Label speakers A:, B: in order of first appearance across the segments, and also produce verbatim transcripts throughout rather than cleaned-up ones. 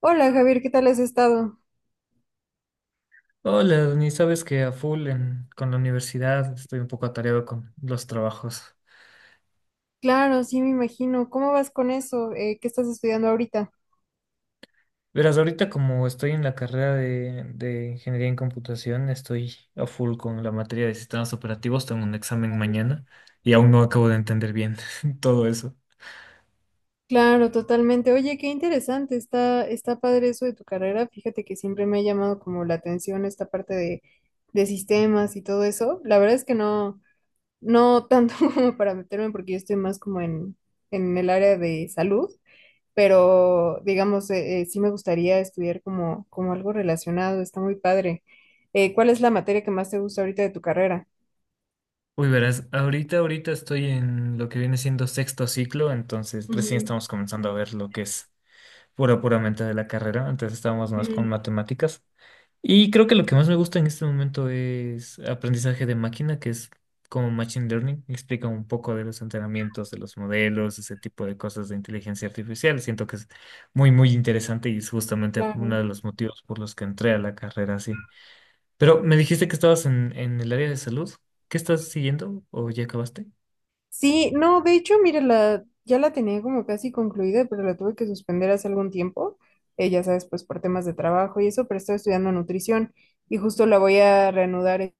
A: Hola Javier, ¿qué tal has estado?
B: Hola, ni sabes que a full en- con la universidad estoy un poco atareado con los trabajos.
A: Claro, sí, me imagino. ¿Cómo vas con eso? Eh, ¿qué estás estudiando ahorita?
B: Verás, ahorita como estoy en la carrera de, de ingeniería en computación, estoy a full con la materia de sistemas operativos, tengo un examen mañana y aún no acabo de entender bien todo eso.
A: Claro, totalmente. Oye, qué interesante. Está, está padre eso de tu carrera. Fíjate que siempre me ha llamado como la atención esta parte de, de sistemas y todo eso. La verdad es que no, no tanto como para meterme porque yo estoy más como en, en el área de salud, pero digamos, eh, eh, sí me gustaría estudiar como, como algo relacionado. Está muy padre. Eh, ¿cuál es la materia que más te gusta ahorita de tu carrera?
B: Uy, verás, ahorita, ahorita estoy en lo que viene siendo sexto ciclo, entonces recién
A: Ujú.
B: estamos comenzando a ver lo que es pura, puramente de la carrera, antes estábamos más con
A: Ujú.
B: matemáticas. Y creo que lo que más me gusta en este momento es aprendizaje de máquina, que es como Machine Learning. Explica un poco de los entrenamientos, de los modelos, ese tipo de cosas de inteligencia artificial. Siento que es muy, muy interesante y es justamente uno
A: Claro.
B: de los motivos por los que entré a la carrera así. Pero me dijiste que estabas en, en el área de salud. ¿Qué estás siguiendo o ya acabaste?
A: Sí, no, de hecho, mira, la, ya la tenía como casi concluida, pero la tuve que suspender hace algún tiempo, eh, ya sabes, pues por temas de trabajo y eso, pero estaba estudiando nutrición y justo la voy a reanudar e-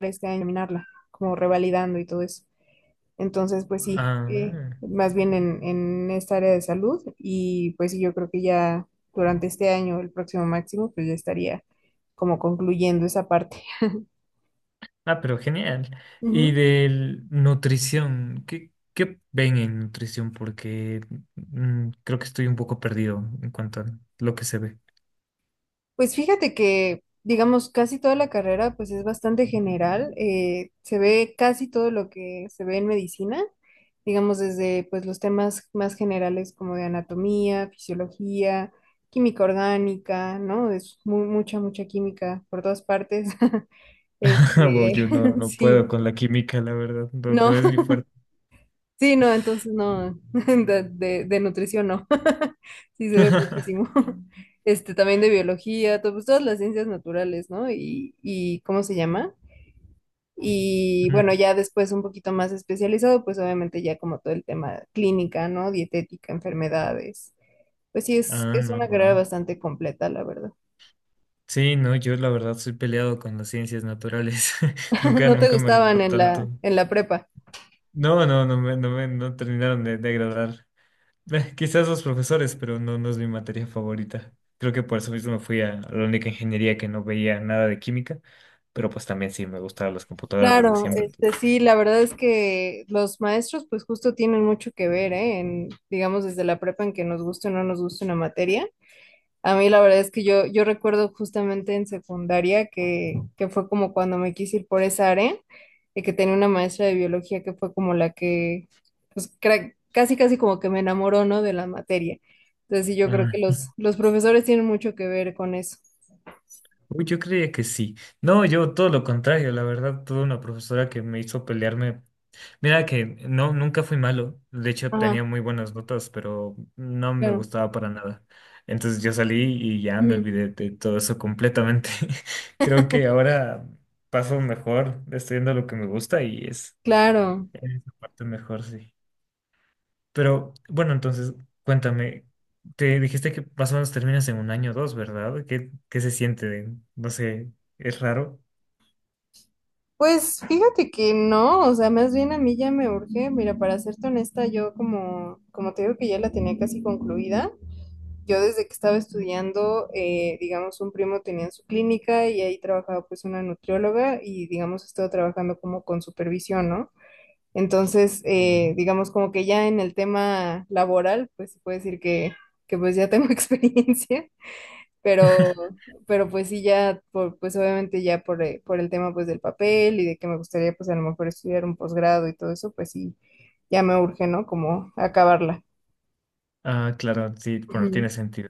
A: este año, terminarla, como revalidando y todo eso. Entonces, pues sí, eh,
B: Ah.
A: más bien en, en esta área de salud y pues sí, yo creo que ya durante este año, el próximo máximo, pues ya estaría como concluyendo esa parte.
B: Ah, pero genial. Y de nutrición, ¿qué, qué ven en nutrición? Porque mm, creo que estoy un poco perdido en cuanto a lo que se ve.
A: Pues fíjate que, digamos, casi toda la carrera pues es bastante general, eh, se ve casi todo lo que se ve en medicina, digamos desde pues los temas más generales como de anatomía, fisiología, química orgánica, ¿no? Es mu- mucha, mucha química por todas partes.
B: Wow,
A: Este,
B: yo no, no puedo
A: sí,
B: con la química, la verdad. No,
A: no.
B: no es mi fuerte.
A: Sí, no, entonces no, de, de- de nutrición no. Sí se ve muchísimo. Este, también de biología, to- pues, todas las ciencias naturales, ¿no? Y, y ¿cómo se llama? Y bueno,
B: Mm.
A: ya después un poquito más especializado, pues obviamente ya como todo el tema clínica, ¿no? Dietética, enfermedades. Pues sí, es,
B: Ah,
A: es
B: no,
A: una carrera
B: wow.
A: bastante completa, la verdad.
B: Sí, no, yo la verdad soy peleado con las ciencias naturales. Nunca,
A: ¿No te
B: nunca me
A: gustaban
B: agradó
A: en la,
B: tanto.
A: en la prepa?
B: No, no, no me, no me no terminaron de, de agradar. Eh, Quizás los profesores, pero no, no es mi materia favorita. Creo que por eso mismo me fui a a la única ingeniería que no veía nada de química, pero pues también sí me gustaban las computadoras desde
A: Claro,
B: siempre. Entonces...
A: este sí, la verdad es que los maestros pues justo tienen mucho que ver, ¿eh? En, digamos desde la prepa en que nos guste o no nos guste una materia. A mí la verdad es que yo, yo recuerdo justamente en secundaria que, que fue como cuando me quise ir por esa área y que tenía una maestra de biología que fue como la que pues cra- casi casi como que me enamoró, ¿no? De la materia. Entonces sí, yo creo
B: Ah,
A: que los, los profesores tienen mucho que ver con eso.
B: uy, yo creía que sí. No, yo todo lo contrario, la verdad, tuve una profesora que me hizo pelearme. Mira que no, nunca fui malo. De hecho,
A: Ajá,
B: tenía muy buenas notas, pero no me
A: claro.
B: gustaba para nada. Entonces yo salí y ya me
A: Ujú.
B: olvidé de todo eso completamente. Creo que ahora paso mejor estudiando lo que me gusta y es
A: Claro.
B: en esa parte mejor, sí. Pero bueno, entonces cuéntame, te dijiste que más o menos terminas en un año o dos, ¿verdad? ¿Qué, qué se siente? No sé, ¿es raro?
A: Pues fíjate que no, o sea, más bien a mí ya me urge, mira, para serte honesta, yo como, como te digo que ya la tenía casi concluida, yo desde que estaba estudiando, eh, digamos, un primo tenía en su clínica y ahí trabajaba pues una nutrióloga y digamos, estuvo trabajando como con supervisión, ¿no? Entonces, eh,
B: Mm.
A: digamos, como que ya en el tema laboral, pues se puede decir que, que pues ya tengo experiencia. Pero, pero pues sí, ya, por, pues obviamente ya por, eh, por el tema pues del papel y de que me gustaría pues a lo mejor estudiar un posgrado y todo eso, pues sí, ya me urge, ¿no? Como acabarla.
B: Ah, claro, sí, bueno, tiene
A: Ujú.
B: sentido.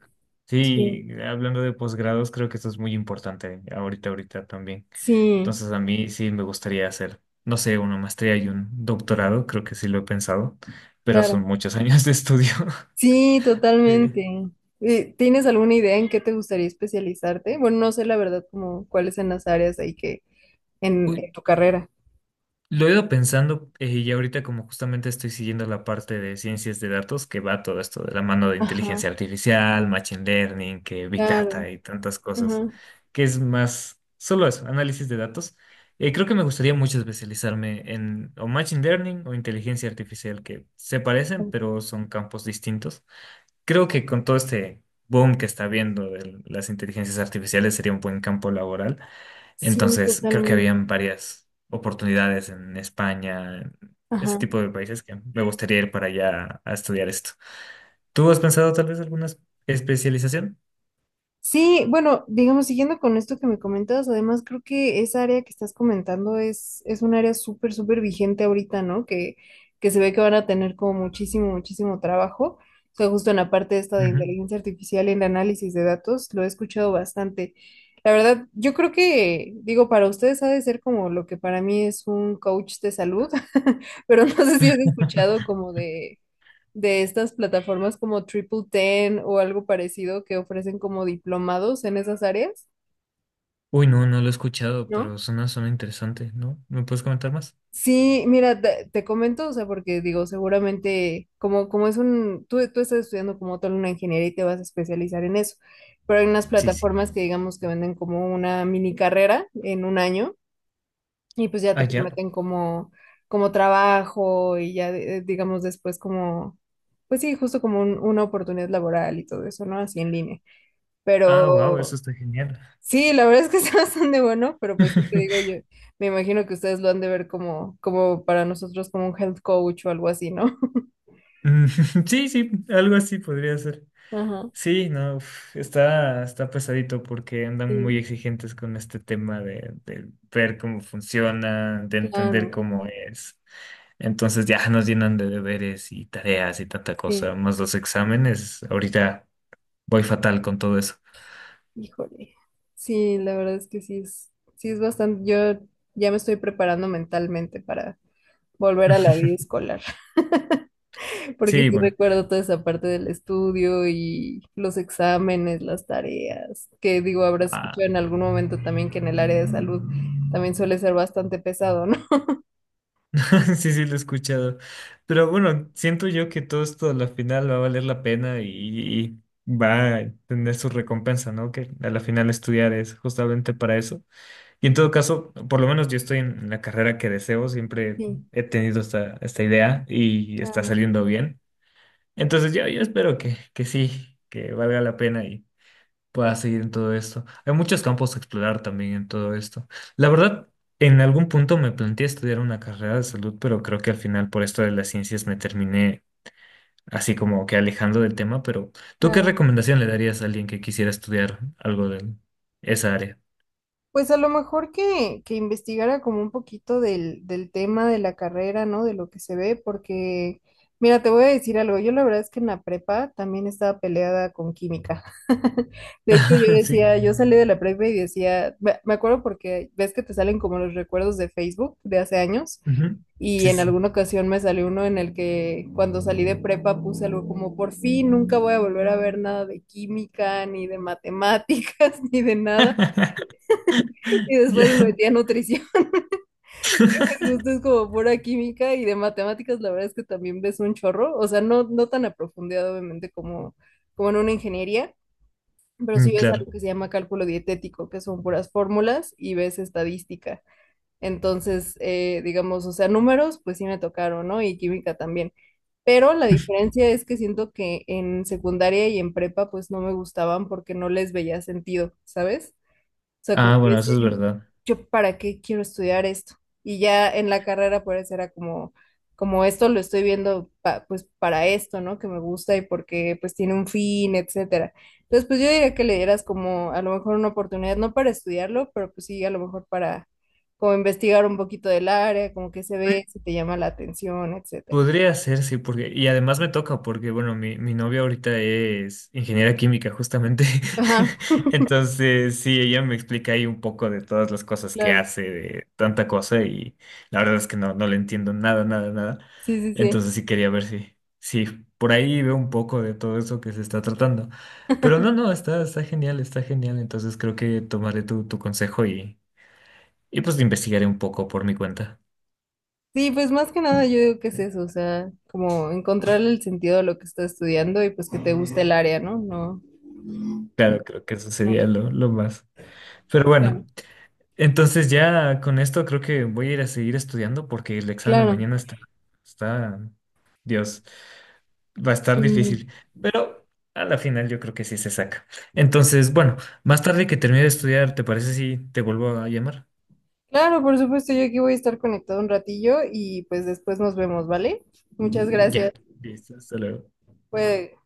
A: Sí,
B: Sí, hablando de posgrados, creo que esto es muy importante ahorita, ahorita también.
A: sí,
B: Entonces, a mí sí me gustaría hacer, no sé, una maestría y un doctorado, creo que sí lo he pensado, pero son
A: claro.
B: muchos años de estudio.
A: Sí,
B: Sí.
A: totalmente. Eh, ¿Tienes alguna idea en qué te gustaría especializarte? Bueno, no sé la verdad como cuáles son las áreas ahí que en,
B: Uy,
A: en tu carrera.
B: lo he ido pensando, eh, y ahorita como justamente estoy siguiendo la parte de ciencias de datos que va todo esto de la mano de
A: Ajá,
B: inteligencia artificial, machine learning, que Big
A: claro.
B: Data y tantas cosas,
A: Ajá.
B: que es más solo eso, análisis de datos. Eh, creo que me gustaría mucho especializarme en o machine learning o inteligencia artificial, que se parecen, pero son campos distintos. Creo que con todo este boom que está habiendo de las inteligencias artificiales sería un buen campo laboral.
A: Sí,
B: Entonces, creo que
A: totalmente.
B: habían varias oportunidades en España, en ese
A: Ajá.
B: tipo de países que me gustaría ir para allá a estudiar esto. ¿Tú has pensado tal vez alguna es- especialización?
A: Sí, bueno, digamos, siguiendo con esto que me comentas, además creo que esa área que estás comentando es, es un área súper, súper vigente ahorita, ¿no? Que, que se ve que van a tener como muchísimo, muchísimo trabajo. O sea, justo en la parte esta de
B: Ujú.
A: inteligencia artificial y el análisis de datos, lo he escuchado bastante. La verdad, yo creo que, digo, para ustedes ha de ser como lo que para mí es un coach de salud, pero no sé si has escuchado como de de estas plataformas como Triple Ten o algo parecido que ofrecen como diplomados en esas áreas,
B: Uy, no, no lo he escuchado,
A: ¿no?
B: pero suena, suena interesante, ¿no? ¿Me puedes comentar más?
A: Sí, mira, te, te comento, o sea, porque digo, seguramente, como, como es un, tú, tú estás estudiando como tal una ingeniería y te vas a especializar en eso, pero hay unas
B: Sí, sí.
A: plataformas que digamos que venden como una mini carrera en un año y pues ya te
B: Ah, ya.
A: prometen como, como trabajo y ya eh, digamos después como, pues sí, justo como un- una oportunidad laboral y todo eso, ¿no? Así en línea.
B: Ah, wow, eso
A: Pero
B: está genial.
A: sí, la verdad es que está bastante bueno, pero pues sí te digo yo, me imagino que ustedes lo han de ver como, como para nosotros como un health coach o algo así, ¿no?
B: Mm, sí, sí, algo así podría ser.
A: Ajá,
B: Sí, no, uf, está, está pesadito porque andan muy
A: sí,
B: exigentes con este tema de, de ver cómo funciona, de entender
A: claro,
B: cómo es. Entonces ya nos llenan de deberes y tareas y tanta
A: sí,
B: cosa, más los exámenes. Ahorita voy fatal con todo eso.
A: híjole. Sí, la verdad es que sí es, sí es bastante, yo ya me estoy preparando mentalmente para volver a la vida escolar, porque
B: Sí,
A: sí
B: bueno.
A: recuerdo toda esa parte del estudio y los exámenes, las tareas, que digo, habrás
B: Ah,
A: escuchado en algún momento también que en el área de salud también suele ser bastante pesado, ¿no?
B: sí, sí, lo he escuchado. Pero bueno, siento yo que todo esto a la final va a valer la pena y, y va a tener su recompensa, ¿no? Que a la final estudiar es justamente para eso. Y en todo caso, por lo menos yo estoy en la carrera que deseo, siempre
A: Sí.
B: he tenido esta, esta idea y está
A: Claro,
B: saliendo bien. Entonces yo, yo espero que, que sí, que valga la pena y pueda seguir en todo esto. Hay muchos campos a explorar también en todo esto. La verdad, en algún punto me planteé estudiar una carrera de salud, pero creo que al final por esto de las ciencias me terminé así como que alejando del tema. Pero ¿tú qué
A: claro.
B: recomendación le darías a alguien que quisiera estudiar algo de esa área?
A: Pues a lo mejor que, que investigara como un poquito del, del tema de la carrera, ¿no? De lo que se ve, porque, mira, te voy a decir algo, yo la verdad es que en la prepa también estaba peleada con química. De hecho, yo
B: Sí.
A: decía, yo salí de la prepa y decía, me me acuerdo porque ves que te salen como los recuerdos de Facebook de hace años,
B: Ujú.
A: y
B: Sí,
A: en
B: sí.
A: alguna ocasión me salió uno en el que cuando salí de prepa puse algo como, por fin, nunca voy a volver a ver nada de química, ni de matemáticas, ni de nada. Y
B: Ya.
A: después me metí a nutrición. Justo es como pura química y de matemáticas, la verdad es que también ves un chorro. O sea, no, no tan a profundidad, obviamente, como, como en una ingeniería, pero sí
B: Mm,
A: ves
B: claro.
A: algo que se llama cálculo dietético, que son puras fórmulas y ves estadística. Entonces, eh, digamos, o sea, números, pues sí me tocaron, ¿no? Y química también. Pero la diferencia es que siento que en secundaria y en prepa, pues no me gustaban porque no les veía sentido, ¿sabes? O sea, como
B: Ah,
A: que
B: bueno, eso
A: decía
B: es
A: yo,
B: verdad.
A: yo para qué quiero estudiar esto. Y ya en la carrera pues era como, como esto lo estoy viendo pa- pues para esto, ¿no? Que me gusta y porque pues tiene un fin, etcétera. Entonces pues yo diría que le dieras como a lo mejor una oportunidad, no para estudiarlo, pero pues sí, a lo mejor para como investigar un poquito del área, como que se
B: Eh,
A: ve, si te llama la atención, etcétera.
B: Podría ser, sí, porque, y además me toca, porque, bueno, mi, mi novia ahorita es ingeniera química, justamente.
A: Ajá,
B: Entonces, sí, ella me explica ahí un poco de todas las cosas que
A: claro.
B: hace, de tanta cosa, y la verdad es que no, no le entiendo nada, nada, nada.
A: Sí, sí, sí.
B: Entonces, sí quería ver si, si por ahí veo un poco de todo eso que se está tratando. Pero no, no, está, está genial, está genial. Entonces, creo que tomaré tu, tu consejo y, y pues investigaré un poco por mi cuenta.
A: Sí, pues más que nada yo digo que es eso, o sea, como encontrarle el sentido a lo que estás estudiando y pues que te guste el área, ¿no? No,
B: Claro, creo que eso
A: no.
B: sería lo, lo más. Pero bueno,
A: Claro.
B: entonces ya con esto creo que voy a ir a seguir estudiando porque el examen
A: Claro,
B: mañana está, está, Dios, va a estar
A: Mm,
B: difícil. Pero a la final yo creo que sí se saca. Entonces, bueno, más tarde que termine de estudiar, ¿te parece si te vuelvo a llamar?
A: claro, por supuesto, yo aquí voy a estar conectado un ratillo y pues después nos vemos, ¿vale? Muchas
B: Ya.
A: gracias.
B: Listo, hasta luego.
A: Fue